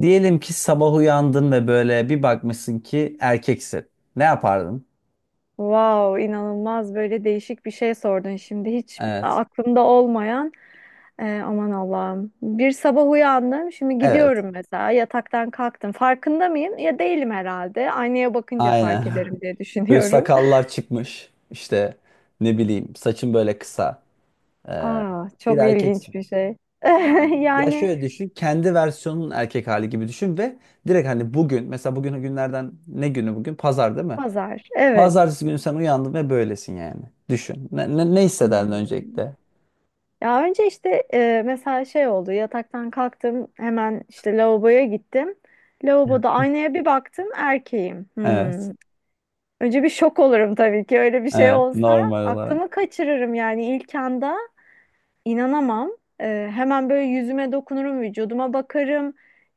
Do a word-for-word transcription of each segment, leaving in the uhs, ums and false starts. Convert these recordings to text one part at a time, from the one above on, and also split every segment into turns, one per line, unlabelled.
Diyelim ki sabah uyandın ve böyle bir bakmışsın ki erkeksin. Ne yapardın?
Wow, inanılmaz böyle değişik bir şey sordun şimdi hiç
Evet.
aklımda olmayan e, aman Allah'ım, bir sabah uyandım, şimdi
Evet.
gidiyorum mesela, yataktan kalktım, farkında mıyım ya? Değilim herhalde, aynaya bakınca fark
Aynen.
ederim diye
Böyle
düşünüyorum.
sakallar çıkmış. İşte ne bileyim saçın böyle kısa. Ee,
Aa
bir
çok ilginç
erkeksin.
bir şey,
Aynen. Ya
yani
şöyle düşün. Kendi versiyonun erkek hali gibi düşün ve direkt hani bugün mesela bugün günlerden ne günü bugün? Pazar değil mi?
pazar, evet.
Pazartesi günü sen uyandın ve böylesin yani. Düşün. Ne, ne, ne hissederdin
Hmm.
öncelikle?
Ya önce işte e, mesela şey oldu, yataktan kalktım, hemen işte lavaboya gittim, lavaboda aynaya bir baktım, erkeğim.
Evet.
Hmm. Önce bir şok olurum tabii ki öyle bir şey
Evet.
olsa.
Normal olarak.
Aklımı kaçırırım yani ilk anda, inanamam. Ee, hemen böyle yüzüme dokunurum, vücuduma bakarım.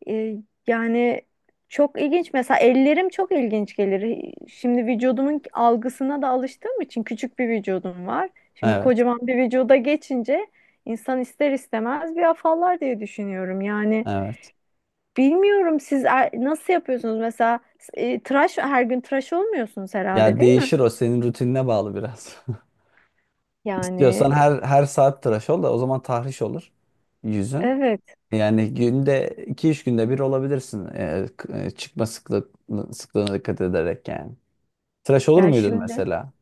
Ee, Yani çok ilginç. Mesela ellerim çok ilginç gelir. Şimdi vücudumun algısına da alıştığım için küçük bir vücudum var. Şimdi
Evet.
kocaman bir vücuda geçince insan ister istemez bir afallar diye düşünüyorum. Yani
Evet.
bilmiyorum, siz er- nasıl yapıyorsunuz? Mesela e, tıraş, her gün tıraş olmuyorsunuz herhalde
Ya
değil mi?
değişir o senin rutinine bağlı biraz.
Yani
İstiyorsan her her saat tıraş ol da o zaman tahriş olur yüzün.
evet,
Yani günde iki üç günde bir olabilirsin e, k- e, çıkma sıklığı, sıklığına dikkat ederek yani. Tıraş olur
ya
muydun
şimdi
mesela?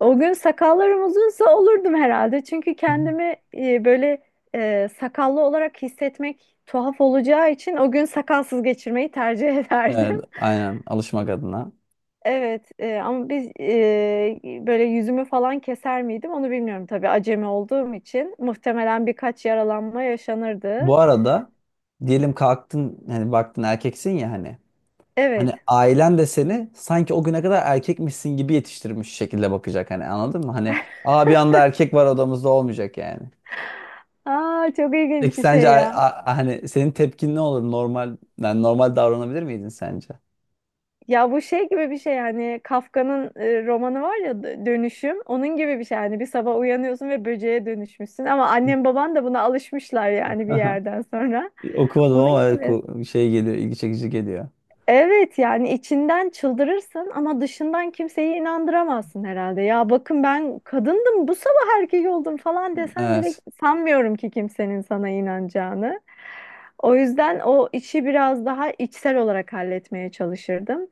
o gün sakallarım uzunsa olurdum herhalde. Çünkü kendimi e, böyle e, sakallı olarak hissetmek tuhaf olacağı için o gün sakalsız geçirmeyi tercih
Hı. hı. Evet,
ederdim.
aynen alışmak adına.
Evet, e, ama biz, e, böyle yüzümü falan keser miydim onu bilmiyorum tabii, acemi olduğum için. Muhtemelen birkaç yaralanma yaşanırdı.
Bu arada diyelim kalktın hani baktın erkeksin ya hani. Hani
Evet.
ailen de seni sanki o güne kadar erkekmişsin gibi yetiştirmiş şekilde bakacak hani anladın mı? Hani aa bir anda erkek var odamızda olmayacak yani.
Aa çok
Peki
ilginç bir
sence
şey ya.
a- a- hani senin tepkin ne olur? Normal yani normal davranabilir miydin sence?
Ya bu şey gibi bir şey yani, Kafka'nın e, romanı var ya, D- Dönüşüm. Onun gibi bir şey yani, bir sabah uyanıyorsun ve böceğe dönüşmüşsün, ama annem baban da buna alışmışlar yani bir
Aha.
yerden sonra.
Okumadım
Onun
ama
gibi.
oku- şey geliyor, ilgi çekici geliyor.
Evet yani içinden çıldırırsın ama dışından kimseyi inandıramazsın herhalde. Ya bakın, ben kadındım bu sabah erkek oldum falan desen bile
Evet.
sanmıyorum ki kimsenin sana inanacağını. O yüzden o işi biraz daha içsel olarak halletmeye çalışırdım.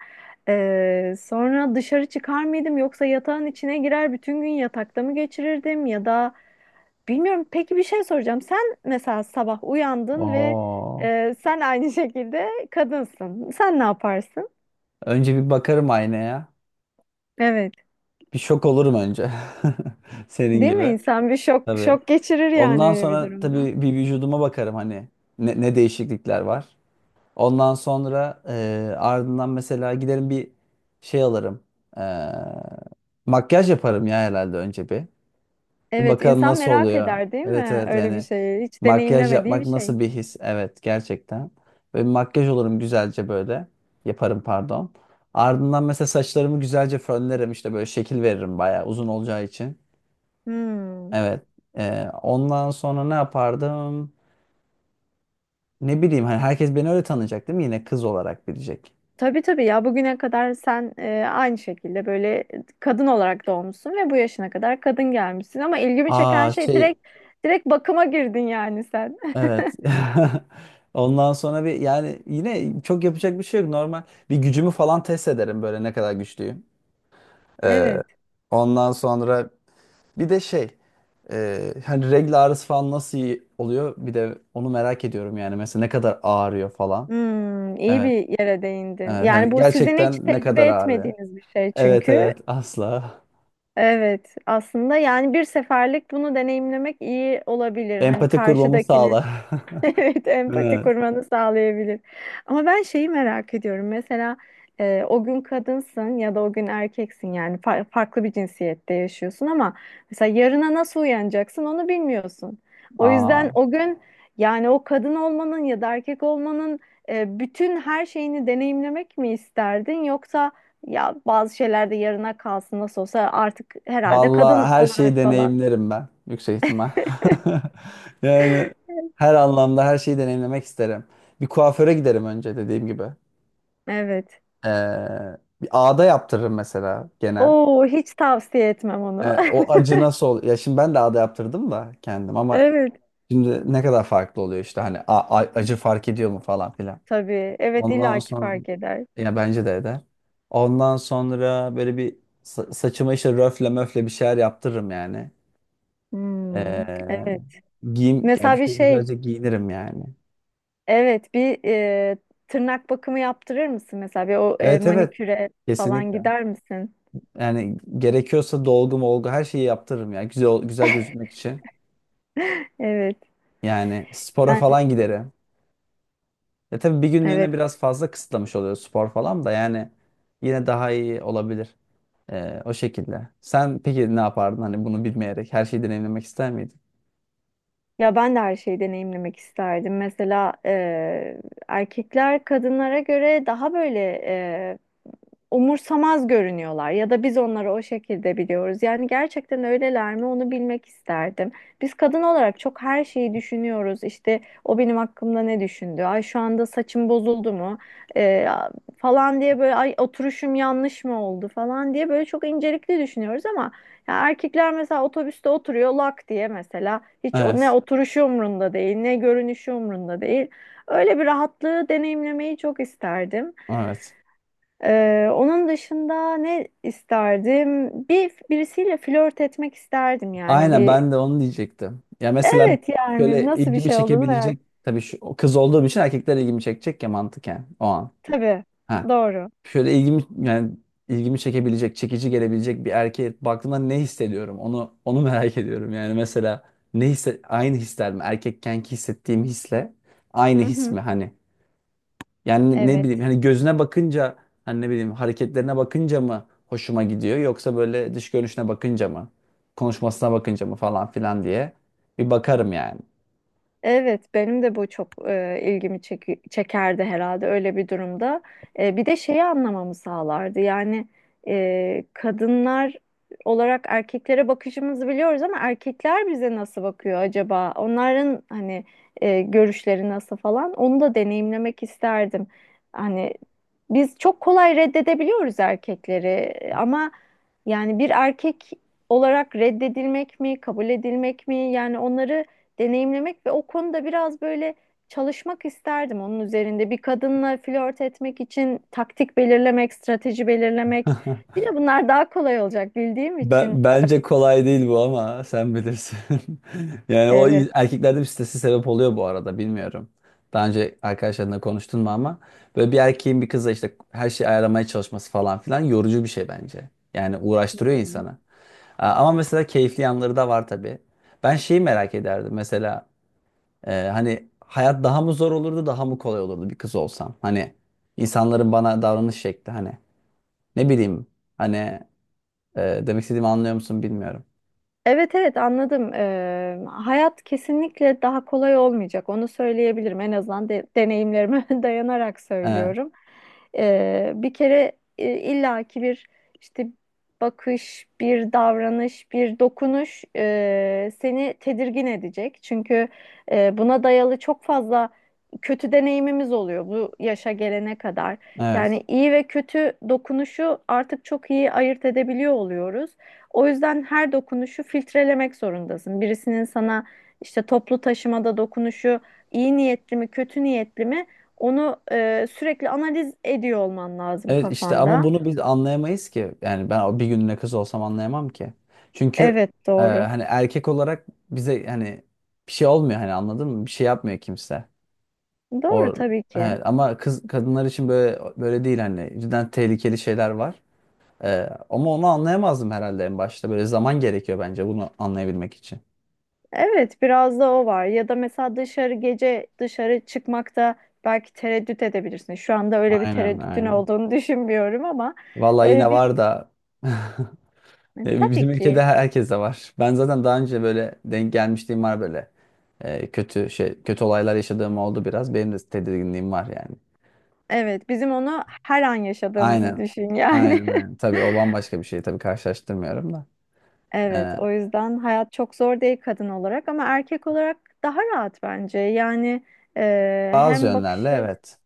Ee, sonra dışarı çıkar mıydım yoksa yatağın içine girer bütün gün yatakta mı geçirirdim ya da bilmiyorum. Peki bir şey soracağım. Sen mesela sabah uyandın ve
Oo.
e, sen aynı şekilde kadınsın. Sen ne yaparsın?
Önce bir bakarım aynaya.
Evet.
Bir şok olurum önce. Senin
Değil mi?
gibi.
İnsan bir şok
Tabii.
şok geçirir yani
Ondan
öyle bir
sonra
durumda.
tabii bir vücuduma bakarım hani ne, ne değişiklikler var. Ondan sonra e, ardından mesela giderim bir şey alırım. E, makyaj yaparım ya herhalde önce bir. Bir
Evet,
bakalım
insan
nasıl
merak
oluyor.
eder değil
Evet
mi?
evet
Öyle bir
yani
şeyi. Hiç
makyaj
deneyimlemediği bir
yapmak
şey.
nasıl bir his? Evet gerçekten. Böyle bir makyaj olurum güzelce böyle. Yaparım pardon. Ardından mesela saçlarımı güzelce fönlerim işte böyle şekil veririm bayağı uzun olacağı için.
Hmm.
Evet. Ee, ondan sonra ne yapardım? Ne bileyim hani herkes beni öyle tanıyacak değil mi? Yine kız olarak bilecek.
Tabii tabii, ya bugüne kadar sen e, aynı şekilde böyle kadın olarak doğmuşsun ve bu yaşına kadar kadın gelmişsin, ama ilgimi çeken
Aa
şey
şey
direkt direkt bakıma girdin yani sen.
evet. Ondan sonra bir yani yine çok yapacak bir şey yok. Normal bir gücümü falan test ederim böyle ne kadar güçlüyüm. Ee,
Evet.
ondan sonra bir de şey e, hani regl ağrısı falan nasıl iyi oluyor? Bir de onu merak ediyorum yani. Mesela ne kadar ağrıyor falan.
Hmm, iyi
Evet.
bir yere değindin.
Evet.
Yani
Hani
bu sizin hiç
gerçekten ne
tecrübe
kadar ağrıyor.
etmediğiniz bir şey
Evet
çünkü.
evet asla.
Evet, aslında yani bir seferlik bunu deneyimlemek iyi olabilir. Hani
Empati kurmamı
karşıdakini
sağlar.
evet, empati
Evet.
kurmanı sağlayabilir. Ama ben şeyi merak ediyorum. Mesela, e, o gün kadınsın ya da o gün erkeksin, yani fa- farklı bir cinsiyette yaşıyorsun, ama mesela yarına nasıl uyanacaksın onu bilmiyorsun. O
Aa,
yüzden o gün yani o kadın olmanın ya da erkek olmanın e, bütün her şeyini deneyimlemek mi isterdin, yoksa ya bazı şeyler de yarına kalsın nasıl olsa, artık herhalde
vallahi
kadın
her şeyi
olarak falan.
deneyimlerim ben. Yüksek ihtimal. Yani her anlamda her şeyi deneyimlemek isterim. Bir kuaföre giderim önce dediğim gibi.
Evet.
Ee, bir ağda yaptırırım mesela genel.
Oo, hiç tavsiye etmem onu.
E, o acı nasıl ol? Ya şimdi ben de ağda yaptırdım da kendim ama
Evet
şimdi ne kadar farklı oluyor işte hani a- a- acı fark ediyor mu falan filan.
tabii. Evet,
Ondan
illaki
sonra
fark eder.
ya bence de eder. Ondan sonra böyle bir sa- saçıma işte röfle möfle bir şeyler yaptırırım yani.
Hmm, evet.
E, giyim ya bir
Mesela bir
şey
şey.
güzelce giyinirim yani.
Evet bir, e, tırnak bakımı yaptırır mısın mesela, bir o e,
Evet evet.
maniküre falan
Kesinlikle.
gider misin?
Yani gerekiyorsa dolgu molgu her şeyi yaptırırım ya. Güzel güzel gözükmek için.
Evet.
Yani spora
Yani
falan giderim. Ya tabii bir günlüğüne
evet.
biraz fazla kısıtlamış oluyor spor falan da yani yine daha iyi olabilir. Ee, o şekilde. Sen peki ne yapardın hani bunu bilmeyerek her şeyi deneyimlemek ister miydin?
Ya ben de her şeyi deneyimlemek isterdim. Mesela e, erkekler kadınlara göre daha böyle umursamaz görünüyorlar, ya da biz onları o şekilde biliyoruz. Yani gerçekten öyleler mi onu bilmek isterdim. Biz kadın olarak çok her şeyi düşünüyoruz. İşte o benim hakkımda ne düşündü? Ay, şu anda saçım bozuldu mu? Ee, Falan diye, böyle ay oturuşum yanlış mı oldu falan diye böyle çok incelikli düşünüyoruz, ama ya erkekler mesela otobüste oturuyor lak diye, mesela hiç o, ne
Evet.
oturuşu umrunda değil ne görünüşü umrunda değil. Öyle bir rahatlığı deneyimlemeyi çok isterdim.
Evet.
Ee, onun dışında ne isterdim? Bir birisiyle flört etmek isterdim yani
Aynen
bir.
ben de onu diyecektim. Ya mesela
Evet yani
şöyle
nasıl bir
ilgimi
şey olduğunu merak.
çekebilecek tabii şu o kız olduğum için erkekler ilgimi çekecek ya mantıken o an.
Tabii.
Heh.
Doğru.
Şöyle ilgimi yani ilgimi çekebilecek, çekici gelebilecek bir erkeğe baktığımda ne hissediyorum? Onu onu merak ediyorum. Yani mesela ne hisse aynı hisler mi? Erkekkenki hissettiğim hisle aynı
Hı
his
hı.
mi hani? Yani ne bileyim
Evet.
hani gözüne bakınca hani ne bileyim hareketlerine bakınca mı hoşuma gidiyor yoksa böyle dış görünüşüne bakınca mı? Konuşmasına bakınca mı falan filan diye bir bakarım yani.
Evet, benim de bu çok e, ilgimi çeki- çekerdi herhalde öyle bir durumda. E, bir de şeyi anlamamı sağlardı. Yani e, kadınlar olarak erkeklere bakışımızı biliyoruz, ama erkekler bize nasıl bakıyor acaba? Onların hani e, görüşleri nasıl falan onu da deneyimlemek isterdim. Hani biz çok kolay reddedebiliyoruz erkekleri, ama yani bir erkek olarak reddedilmek mi, kabul edilmek mi? Yani onları deneyimlemek ve o konuda biraz böyle çalışmak isterdim onun üzerinde. Bir kadınla flört etmek için taktik belirlemek, strateji belirlemek. Bir de bunlar daha kolay olacak bildiğim için.
Ben, bence kolay değil bu ama sen bilirsin. Yani o
Evet.
in- erkeklerde bir stresi sebep oluyor bu arada bilmiyorum. Daha önce arkadaşlarınla konuştun mu ama böyle bir erkeğin bir kızla işte her şeyi ayarlamaya çalışması falan filan yorucu bir şey bence. Yani uğraştırıyor insanı. A- Ama mesela keyifli yanları da var tabii. Ben şeyi merak ederdim mesela e, hani hayat daha mı zor olurdu daha mı kolay olurdu bir kız olsam. Hani insanların bana davranış şekli hani ne bileyim hani e, demek istediğimi anlıyor musun bilmiyorum.
Evet evet anladım. Ee, hayat kesinlikle daha kolay olmayacak. Onu söyleyebilirim. En azından de- deneyimlerime dayanarak
Evet,
söylüyorum. Ee, bir kere e, illaki bir işte bakış, bir davranış, bir dokunuş, e, seni tedirgin edecek. Çünkü e, buna dayalı çok fazla kötü deneyimimiz oluyor bu yaşa gelene kadar.
evet.
Yani iyi ve kötü dokunuşu artık çok iyi ayırt edebiliyor oluyoruz. O yüzden her dokunuşu filtrelemek zorundasın. Birisinin sana işte toplu taşımada dokunuşu iyi niyetli mi, kötü niyetli mi, onu e, sürekli analiz ediyor olman lazım
Evet işte ama
kafanda.
bunu biz anlayamayız ki. Yani ben o bir günlüğüne kız olsam anlayamam ki. Çünkü
Evet
e,
doğru.
hani erkek olarak bize hani bir şey olmuyor hani anladın mı? Bir şey yapmıyor kimse.
Doğru
O
tabii ki.
evet, ama kız kadınlar için böyle böyle değil hani cidden tehlikeli şeyler var. E, ama onu anlayamazdım herhalde en başta. Böyle zaman gerekiyor bence bunu anlayabilmek için.
Evet, biraz da o var. Ya da mesela dışarı, gece dışarı çıkmakta belki tereddüt edebilirsin. Şu anda öyle bir
Aynen,
tereddütün
aynen.
olduğunu düşünmüyorum, ama
Vallahi
öyle
yine
bir
var da. E, bizim
tabii
ülkede
ki.
her- herkes de var. Ben zaten daha önce böyle denk gelmişliğim var böyle. E, kötü şey kötü olaylar yaşadığım oldu biraz. Benim de tedirginliğim var yani.
Evet, bizim onu her an yaşadığımızı
Aynen.
düşün yani.
Aynen aynen. Tabii o bambaşka bir şey. Tabii karşılaştırmıyorum da.
Evet,
E,
o yüzden hayat çok zor değil kadın olarak, ama erkek olarak daha rahat bence. Yani e,
bazı
hem
yönlerle
bakış açı-
evet.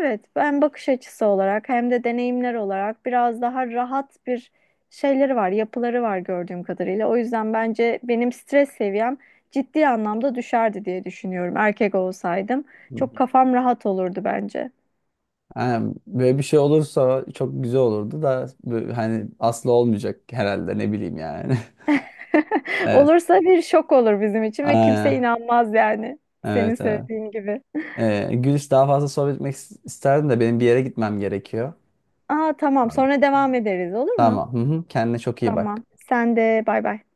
evet, hem bakış açısı olarak hem de deneyimler olarak biraz daha rahat bir şeyleri var, yapıları var gördüğüm kadarıyla. O yüzden bence benim stres seviyem ciddi anlamda düşerdi diye düşünüyorum. Erkek olsaydım
Hı hı.
çok kafam rahat olurdu bence.
Aynen. Böyle bir şey olursa çok güzel olurdu da bu- hani asla olmayacak herhalde ne bileyim yani. Evet.
Olursa bir şok olur bizim için ve kimse
Aynen.
inanmaz yani senin
Evet evet.
söylediğin gibi.
E, Gülis daha fazla sohbet etmek is- isterdim de benim bir yere gitmem gerekiyor.
Aa tamam. Sonra devam ederiz olur mu?
Tamam. Hı hı. Kendine çok iyi bak.
Tamam. Sen de bay bay.